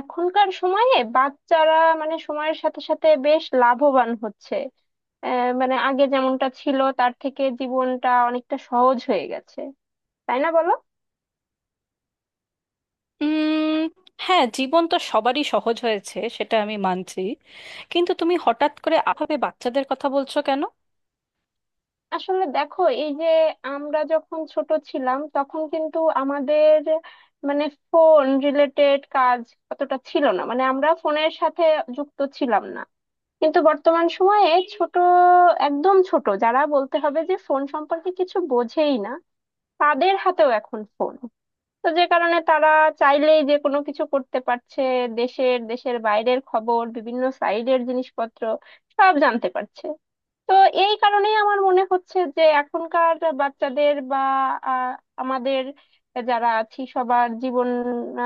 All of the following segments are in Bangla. এখনকার সময়ে বাচ্চারা মানে সময়ের সাথে সাথে বেশ লাভবান হচ্ছে। মানে আগে যেমনটা ছিল তার থেকে জীবনটা অনেকটা সহজ হয়ে গেছে, তাই না বলো? উম হ্যাঁ, জীবন তো সবারই সহজ হয়েছে, সেটা আমি মানছি। কিন্তু তুমি হঠাৎ করে আভাবে বাচ্চাদের কথা বলছো কেন? আসলে দেখো, এই যে আমরা যখন ছোট ছিলাম তখন কিন্তু আমাদের মানে ফোন রিলেটেড কাজ অতটা ছিল না, মানে আমরা ফোনের সাথে যুক্ত ছিলাম না। কিন্তু বর্তমান সময়ে ছোট, একদম ছোট যারা বলতে হবে যে ফোন সম্পর্কে কিছু বোঝেই না, তাদের হাতেও এখন ফোন। তো যে কারণে তারা চাইলেই যে কোনো কিছু করতে পারছে। দেশের দেশের বাইরের খবর, বিভিন্ন সাইডের জিনিসপত্র সব জানতে পারছে। তো এই কারণেই আমার মনে হচ্ছে যে এখনকার বাচ্চাদের বা আহ, আমাদের যারা আছি সবার জীবন,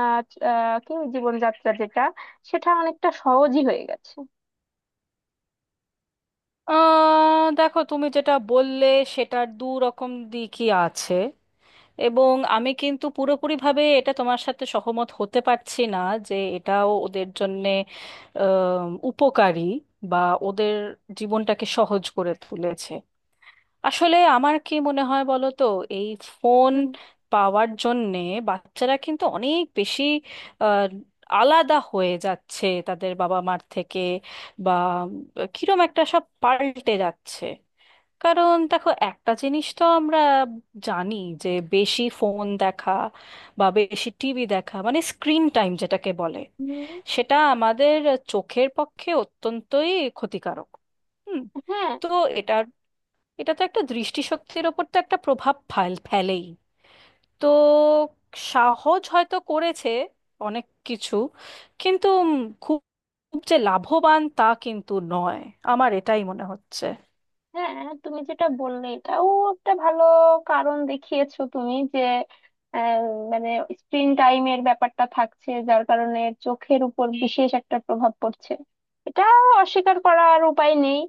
আহ, কি জীবনযাত্রা যেটা, সেটা অনেকটা সহজই হয়ে গেছে। দেখো, তুমি যেটা বললে সেটার দু রকম দিকই আছে, এবং আমি কিন্তু পুরোপুরিভাবে এটা তোমার সাথে সহমত হতে পারছি না যে এটাও ওদের জন্যে আহ, উপকারী, বা ওদের জীবনটাকে সহজ করে তুলেছে। আসলে আমার কি মনে হয় বলো তো, এই ফোন হুম। পাওয়ার জন্যে বাচ্চারা কিন্তু অনেক বেশি আহ, আলাদা হয়ে যাচ্ছে তাদের বাবা মার থেকে, বা কিরম একটা সব পাল্টে যাচ্ছে। কারণ দেখো, একটা জিনিস তো আমরা জানি যে বেশি ফোন দেখা বা বেশি টিভি দেখা, মানে স্ক্রিন টাইম যেটাকে বলে, হুম। সেটা আমাদের চোখের পক্ষে অত্যন্তই ক্ষতিকারক। হুম, হ্যাঁ। তো এটার এটা তো একটা দৃষ্টিশক্তির ওপর তো একটা প্রভাব ফেলেই। তো সহজ হয়তো করেছে অনেক কিছু, কিন্তু খুব, খুব যে লাভবান তা কিন্তু নয়। আমার এটাই মনে হচ্ছে। হ্যাঁ, তুমি যেটা বললে এটাও একটা ভালো কারণ দেখিয়েছো তুমি, যে আহ, মানে স্ক্রিন টাইমের ব্যাপারটা থাকছে যার কারণে চোখের উপর বিশেষ একটা প্রভাব পড়ছে। এটা অস্বীকার করার উপায় নেই।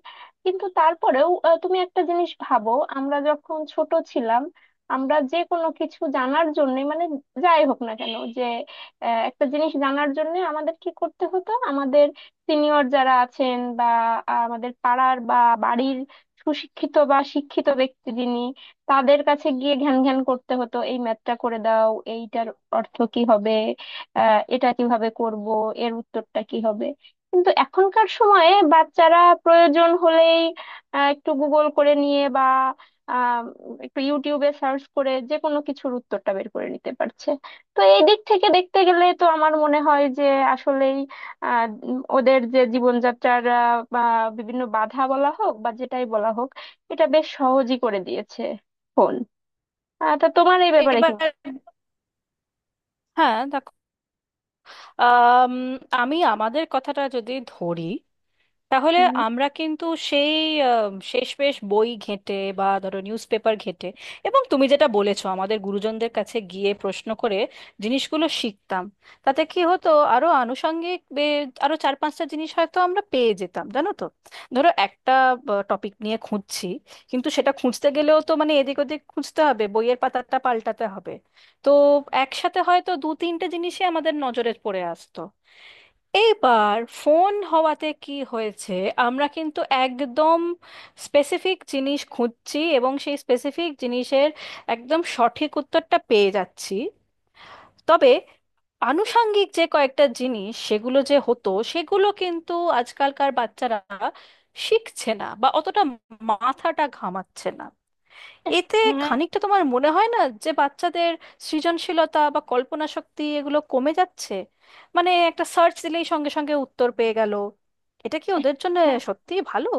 কিন্তু তারপরেও তুমি একটা জিনিস ভাবো। আমরা যখন ছোট ছিলাম, আমরা যে কোনো কিছু জানার জন্য মানে যাই হোক না কেন, যে একটা জিনিস জানার জন্য আমাদের কি করতে হতো, আমাদের সিনিয়র যারা আছেন বা আমাদের পাড়ার বা বাড়ির সুশিক্ষিত বা শিক্ষিত ব্যক্তি যিনি, তাদের কাছে গিয়ে ঘ্যান ঘ্যান করতে হতো, এই ম্যাথটা করে দাও, এইটার অর্থ কি হবে, এটা কিভাবে করব, এর উত্তরটা কি হবে। কিন্তু এখনকার সময়ে বাচ্চারা প্রয়োজন হলেই একটু গুগল করে নিয়ে বা আহ, একটু ইউটিউবে সার্চ করে যে কোনো কিছুর উত্তরটা বের করে নিতে পারছে। তো এই দিক থেকে দেখতে গেলে তো আমার মনে হয় যে আসলেই ওদের যে জীবনযাত্রার বা বিভিন্ন বাধা বলা হোক বা যেটাই বলা হোক, এটা বেশ সহজই করে দিয়েছে ফোন। তা তোমার এই ব্যাপারে এবার কি মত? হ্যাঁ দেখো, আম, আমি আমাদের কথাটা যদি ধরি, তাহলে উম, আমরা কিন্তু সেই শেষমেশ বই ঘেঁটে বা ধরো নিউজপেপার ঘেঁটে, এবং তুমি যেটা বলেছো আমাদের গুরুজনদের কাছে গিয়ে প্রশ্ন করে জিনিসগুলো শিখতাম। তাতে কি হতো, আরো আনুষঙ্গিক আরো চার পাঁচটা জিনিস হয়তো আমরা পেয়ে যেতাম, জানো তো। ধরো একটা টপিক নিয়ে খুঁজছি, কিন্তু সেটা খুঁজতে গেলেও তো মানে এদিক ওদিক খুঁজতে হবে, বইয়ের পাতাটা পাল্টাতে হবে। তো একসাথে হয়তো দু তিনটে জিনিসই আমাদের নজরে পড়ে আসতো। এইবার ফোন হওয়াতে কি হয়েছে, আমরা কিন্তু একদম স্পেসিফিক জিনিস খুঁজছি এবং সেই স্পেসিফিক জিনিসের একদম সঠিক উত্তরটা পেয়ে যাচ্ছি। তবে আনুষাঙ্গিক যে কয়েকটা জিনিস সেগুলো যে হতো সেগুলো কিন্তু আজকালকার বাচ্চারা শিখছে না, বা অতটা মাথাটা ঘামাচ্ছে না। এতে খানিকটা তোমার মনে হয় না যে বাচ্চাদের সৃজনশীলতা বা কল্পনা শক্তি এগুলো কমে যাচ্ছে? মানে একটা সার্চ দিলেই সঙ্গে সঙ্গে উত্তর পেয়ে গেল। এটা কি ওদের জন্য হ্যাঁ, সত্যিই ভালো?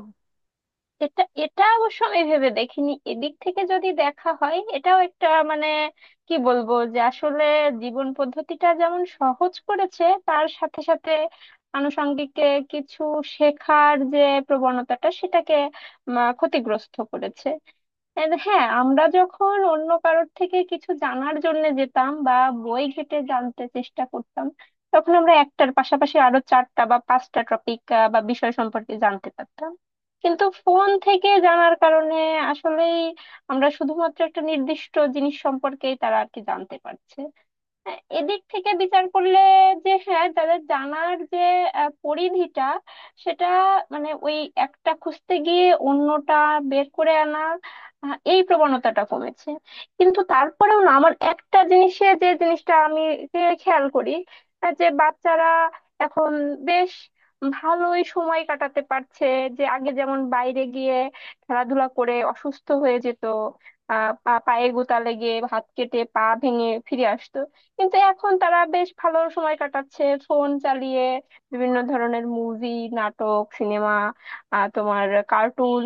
এটা এটা অবশ্য আমি ভেবে দেখিনি, এদিক থেকে যদি দেখা হয় এটাও একটা মানে কি বলবো, যে আসলে জীবন পদ্ধতিটা যেমন সহজ করেছে তার সাথে সাথে আনুষঙ্গিক কিছু শেখার যে প্রবণতাটা সেটাকে ক্ষতিগ্রস্ত করেছে। And হ্যাঁ, আমরা যখন অন্য কারোর থেকে কিছু জানার জন্য যেতাম বা বই ঘেটে জানতে চেষ্টা করতাম, তখন আমরা একটার পাশাপাশি আরো চারটা বা পাঁচটা টপিক বা বিষয় সম্পর্কে জানতে পারতাম। কিন্তু ফোন থেকে জানার কারণে আসলেই আমরা শুধুমাত্র একটা নির্দিষ্ট জিনিস সম্পর্কেই তারা আর কি জানতে পারছে। হ্যাঁ, এদিক থেকে বিচার করলে যে হ্যাঁ, যাদের জানার যে পরিধিটা, সেটা মানে ওই একটা খুঁজতে গিয়ে অন্যটা বের করে আনা, এই প্রবণতাটা কমেছে। কিন্তু তারপরেও না, আমার একটা জিনিসে, যে জিনিসটা আমি যে খেয়াল করি, যে বাচ্চারা এখন বেশ ভালোই সময় কাটাতে পারছে। যে আগে যেমন বাইরে গিয়ে খেলাধুলা করে অসুস্থ হয়ে যেত, পায়ে গোতা লেগে হাত কেটে পা ভেঙে ফিরে আসতো। কিন্তু এখন তারা বেশ ভালো সময় কাটাচ্ছে ফোন চালিয়ে, বিভিন্ন ধরনের মুভি, নাটক, সিনেমা, তোমার কার্টুন,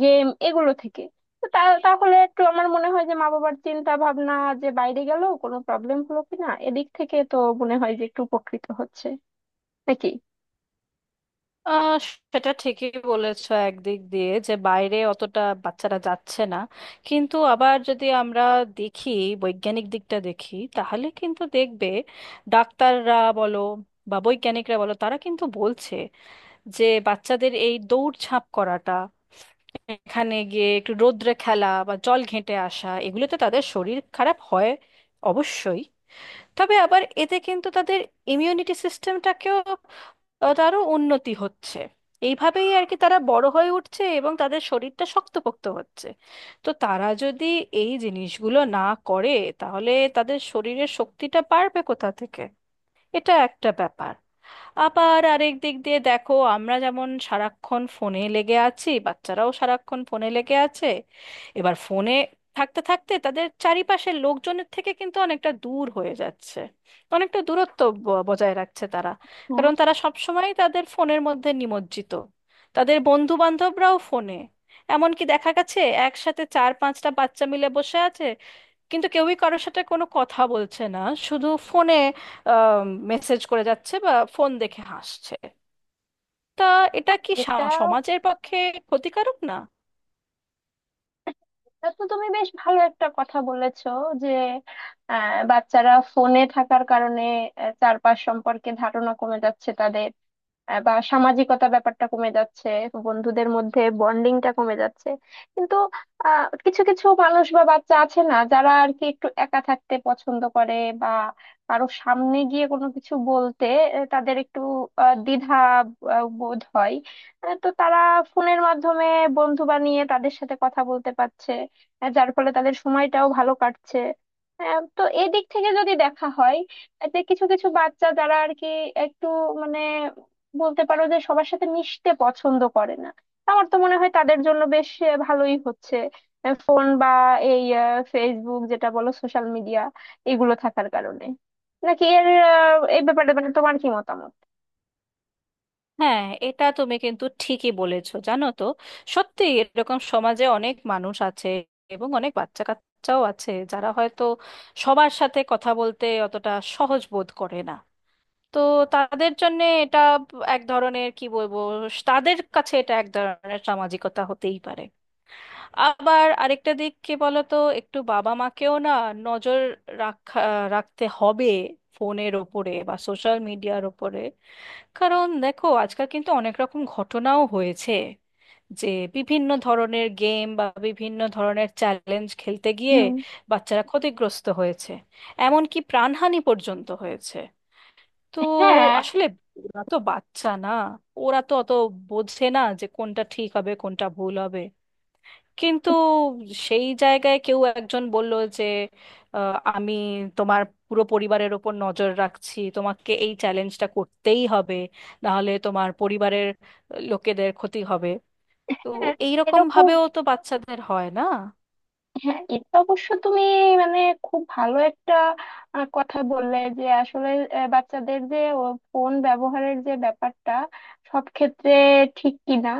গেম এগুলো থেকে। তো তা তাহলে একটু আমার মনে হয় যে মা বাবার চিন্তা ভাবনা, যে বাইরে গেল, কোনো প্রবলেম হলো কিনা, এদিক থেকে তো মনে হয় যে একটু উপকৃত হচ্ছে। নাকি? আহ সেটা ঠিকই বলেছো, একদিক দিয়ে যে বাইরে অতটা বাচ্চারা যাচ্ছে না। কিন্তু আবার যদি আমরা দেখি, বৈজ্ঞানিক দিকটা দেখি, তাহলে কিন্তু দেখবে ডাক্তাররা বলো বা বৈজ্ঞানিকরা বলো, তারা কিন্তু বলছে যে বাচ্চাদের এই দৌড়ঝাঁপ করাটা, এখানে গিয়ে একটু রোদ্রে খেলা বা জল ঘেঁটে আসা, এগুলোতে তাদের শরীর খারাপ হয় অবশ্যই, তবে আবার এতে কিন্তু তাদের ইমিউনিটি সিস্টেমটাকেও, তারও উন্নতি হচ্ছে। এইভাবেই আর কি তারা বড় হয়ে উঠছে এবং তাদের শরীরটা শক্তপোক্ত হচ্ছে। তো তারা যদি এই জিনিসগুলো না করে, তাহলে তাদের শরীরের শক্তিটা বাড়বে কোথা থেকে? এটা একটা ব্যাপার। আবার আরেক দিক দিয়ে দেখো, আমরা যেমন সারাক্ষণ ফোনে লেগে আছি, বাচ্চারাও সারাক্ষণ ফোনে লেগে আছে। এবার ফোনে থাকতে থাকতে তাদের চারিপাশের লোকজনের থেকে কিন্তু অনেকটা দূর হয়ে যাচ্ছে, অনেকটা দূরত্ব বজায় রাখছে তারা। হ্যাঁ। কারণ তারা সবসময় তাদের ফোনের মধ্যে নিমজ্জিত, তাদের বন্ধু বান্ধবরাও ফোনে। এমনকি দেখা গেছে, একসাথে চার পাঁচটা বাচ্চা মিলে বসে আছে, কিন্তু কেউই কারোর সাথে কোনো কথা বলছে না, শুধু ফোনে মেসেজ করে যাচ্ছে বা ফোন দেখে হাসছে। তা এটা কি এটা সমাজের পক্ষে ক্ষতিকারক না? এটা তো তুমি বেশ ভালো একটা কথা বলেছো, যে বাচ্চারা ফোনে থাকার কারণে চারপাশ সম্পর্কে ধারণা কমে যাচ্ছে তাদের, বা সামাজিকতা ব্যাপারটা কমে যাচ্ছে, বন্ধুদের মধ্যে বন্ডিংটা কমে যাচ্ছে। কিন্তু কিছু কিছু মানুষ বা বাচ্চা আছে না যারা আর কি একটু একা থাকতে পছন্দ করে, বা কারো সামনে গিয়ে কোনো কিছু বলতে তাদের একটু দ্বিধা বোধ হয়। তো তারা ফোনের মাধ্যমে বন্ধু বানিয়ে তাদের সাথে কথা বলতে পারছে, যার ফলে তাদের সময়টাও ভালো কাটছে। তো এই দিক থেকে যদি দেখা হয়, যে কিছু কিছু বাচ্চা যারা আর কি একটু মানে বলতে পারো যে সবার সাথে মিশতে পছন্দ করে না, তা আমার তো মনে হয় তাদের জন্য বেশ ভালোই হচ্ছে ফোন বা এই ফেসবুক যেটা বলো, সোশ্যাল মিডিয়া, এগুলো থাকার কারণে। নাকি এর এই ব্যাপারে মানে তোমার কি মতামত? হ্যাঁ, এটা তুমি কিন্তু ঠিকই বলেছো, জানো তো। সত্যি এরকম সমাজে অনেক মানুষ আছে এবং অনেক বাচ্চা কাচ্চাও আছে যারা হয়তো সবার সাথে কথা বলতে অতটা সহজ বোধ করে না। তো তাদের জন্য এটা এক ধরনের কি বলবো, তাদের কাছে এটা এক ধরনের সামাজিকতা হতেই পারে। আবার আরেকটা দিক কি বলতো, একটু বাবা মাকেও না নজর রাখা রাখতে হবে ফোনের ওপরে বা সোশ্যাল মিডিয়ার ওপরে। কারণ দেখো, আজকাল কিন্তু অনেক রকম ঘটনাও হয়েছে যে বিভিন্ন ধরনের গেম বা বিভিন্ন ধরনের চ্যালেঞ্জ খেলতে গিয়ে হুম। বাচ্চারা ক্ষতিগ্রস্ত হয়েছে, এমনকি প্রাণহানি পর্যন্ত হয়েছে। তো হ্যাঁ। আসলে ওরা তো বাচ্চা না, ওরা তো অত বোঝে না যে কোনটা ঠিক হবে কোনটা ভুল হবে। কিন্তু সেই জায়গায় কেউ একজন বলল যে, আমি তোমার পুরো পরিবারের ওপর নজর রাখছি, তোমাকে এই চ্যালেঞ্জটা করতেই হবে, নাহলে তোমার পরিবারের লোকেদের ক্ষতি হবে। তো হ্যাঁ, এইরকম এরকম। ভাবেও তো বাচ্চাদের হয় না। হ্যাঁ, এটা অবশ্য তুমি মানে খুব ভালো একটা কথা বললে, যে আসলে বাচ্চাদের যে ফোন ব্যবহারের যে ব্যাপারটা সব ক্ষেত্রে ঠিক কিনা।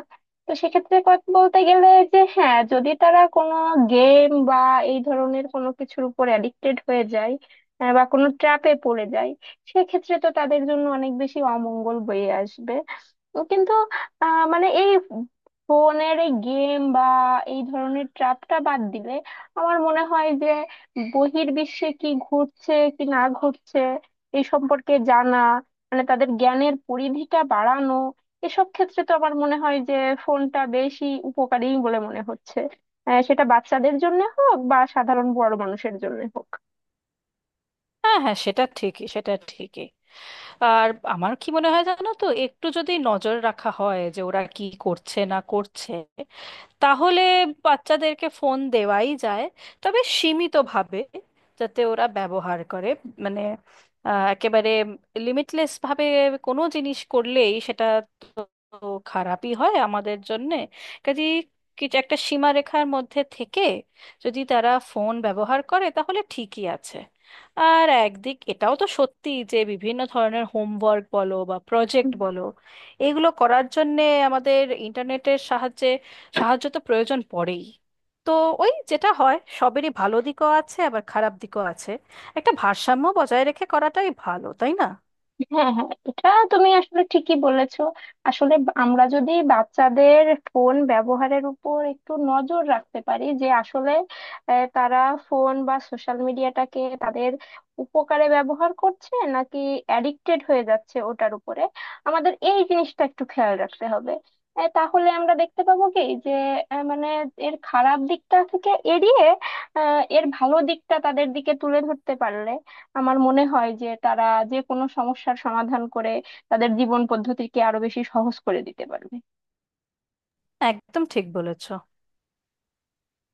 তো সেক্ষেত্রে কথা বলতে গেলে, যে হ্যাঁ যদি তারা কোনো গেম বা এই ধরনের কোনো কিছুর উপর অ্যাডিক্টেড হয়ে যায় বা কোনো ট্র্যাপে পড়ে যায়, সেক্ষেত্রে তো তাদের জন্য অনেক বেশি অমঙ্গল বয়ে আসবে। তো কিন্তু মানে এই ফোনের এই গেম বা এই ধরনের ট্র্যাপটা বাদ দিলে আমার মনে হয় যে বহির্বিশ্বে কি ঘটছে কি না ঘটছে এই সম্পর্কে জানা, মানে তাদের জ্ঞানের পরিধিটা বাড়ানো, এসব ক্ষেত্রে তো আমার মনে হয় যে ফোনটা বেশি উপকারী বলে মনে হচ্ছে, সেটা বাচ্চাদের জন্য হোক বা সাধারণ বড় মানুষের জন্য হোক। হ্যাঁ হ্যাঁ, সেটা ঠিকই, সেটা ঠিকই। আর আমার কি মনে হয় জানো তো, একটু যদি নজর রাখা হয় যে ওরা কি করছে না করছে, তাহলে বাচ্চাদেরকে ফোন দেওয়াই যায়, তবে সীমিতভাবে, যাতে ওরা ব্যবহার করে। মানে একেবারে লিমিটলেস ভাবে কোনো জিনিস করলেই সেটা তো খারাপই হয় আমাদের জন্যে। কাজে কিছু একটা সীমারেখার মধ্যে থেকে যদি তারা ফোন ব্যবহার করে তাহলে ঠিকই আছে। আর একদিক এটাও তো সত্যি যে বিভিন্ন ধরনের হোমওয়ার্ক বলো বা প্রজেক্ট বলো, এগুলো করার জন্যে আমাদের ইন্টারনেটের সাহায্য তো প্রয়োজন পড়েই। তো ওই যেটা হয়, সবেরই ভালো দিকও আছে আবার খারাপ দিকও আছে। একটা ভারসাম্য বজায় রেখে করাটাই ভালো, তাই না? হ্যাঁ, হ্যাঁ, এটা তুমি আসলে ঠিকই বলেছো। আসলে আমরা যদি বাচ্চাদের ফোন ব্যবহারের উপর একটু নজর রাখতে পারি, যে আসলে তারা ফোন বা সোশ্যাল মিডিয়াটাকে তাদের উপকারে ব্যবহার করছে নাকি অ্যাডিক্টেড হয়ে যাচ্ছে ওটার উপরে, আমাদের এই জিনিসটা একটু খেয়াল রাখতে হবে। তাহলে আমরা দেখতে পাবো কি, যে মানে এর খারাপ দিকটা থেকে এড়িয়ে এর ভালো দিকটা তাদের দিকে তুলে ধরতে পারলে আমার মনে হয় যে তারা যে কোনো সমস্যার সমাধান করে তাদের জীবন পদ্ধতিকে আরো বেশি সহজ করে দিতে পারবে। একদম ঠিক বলেছ।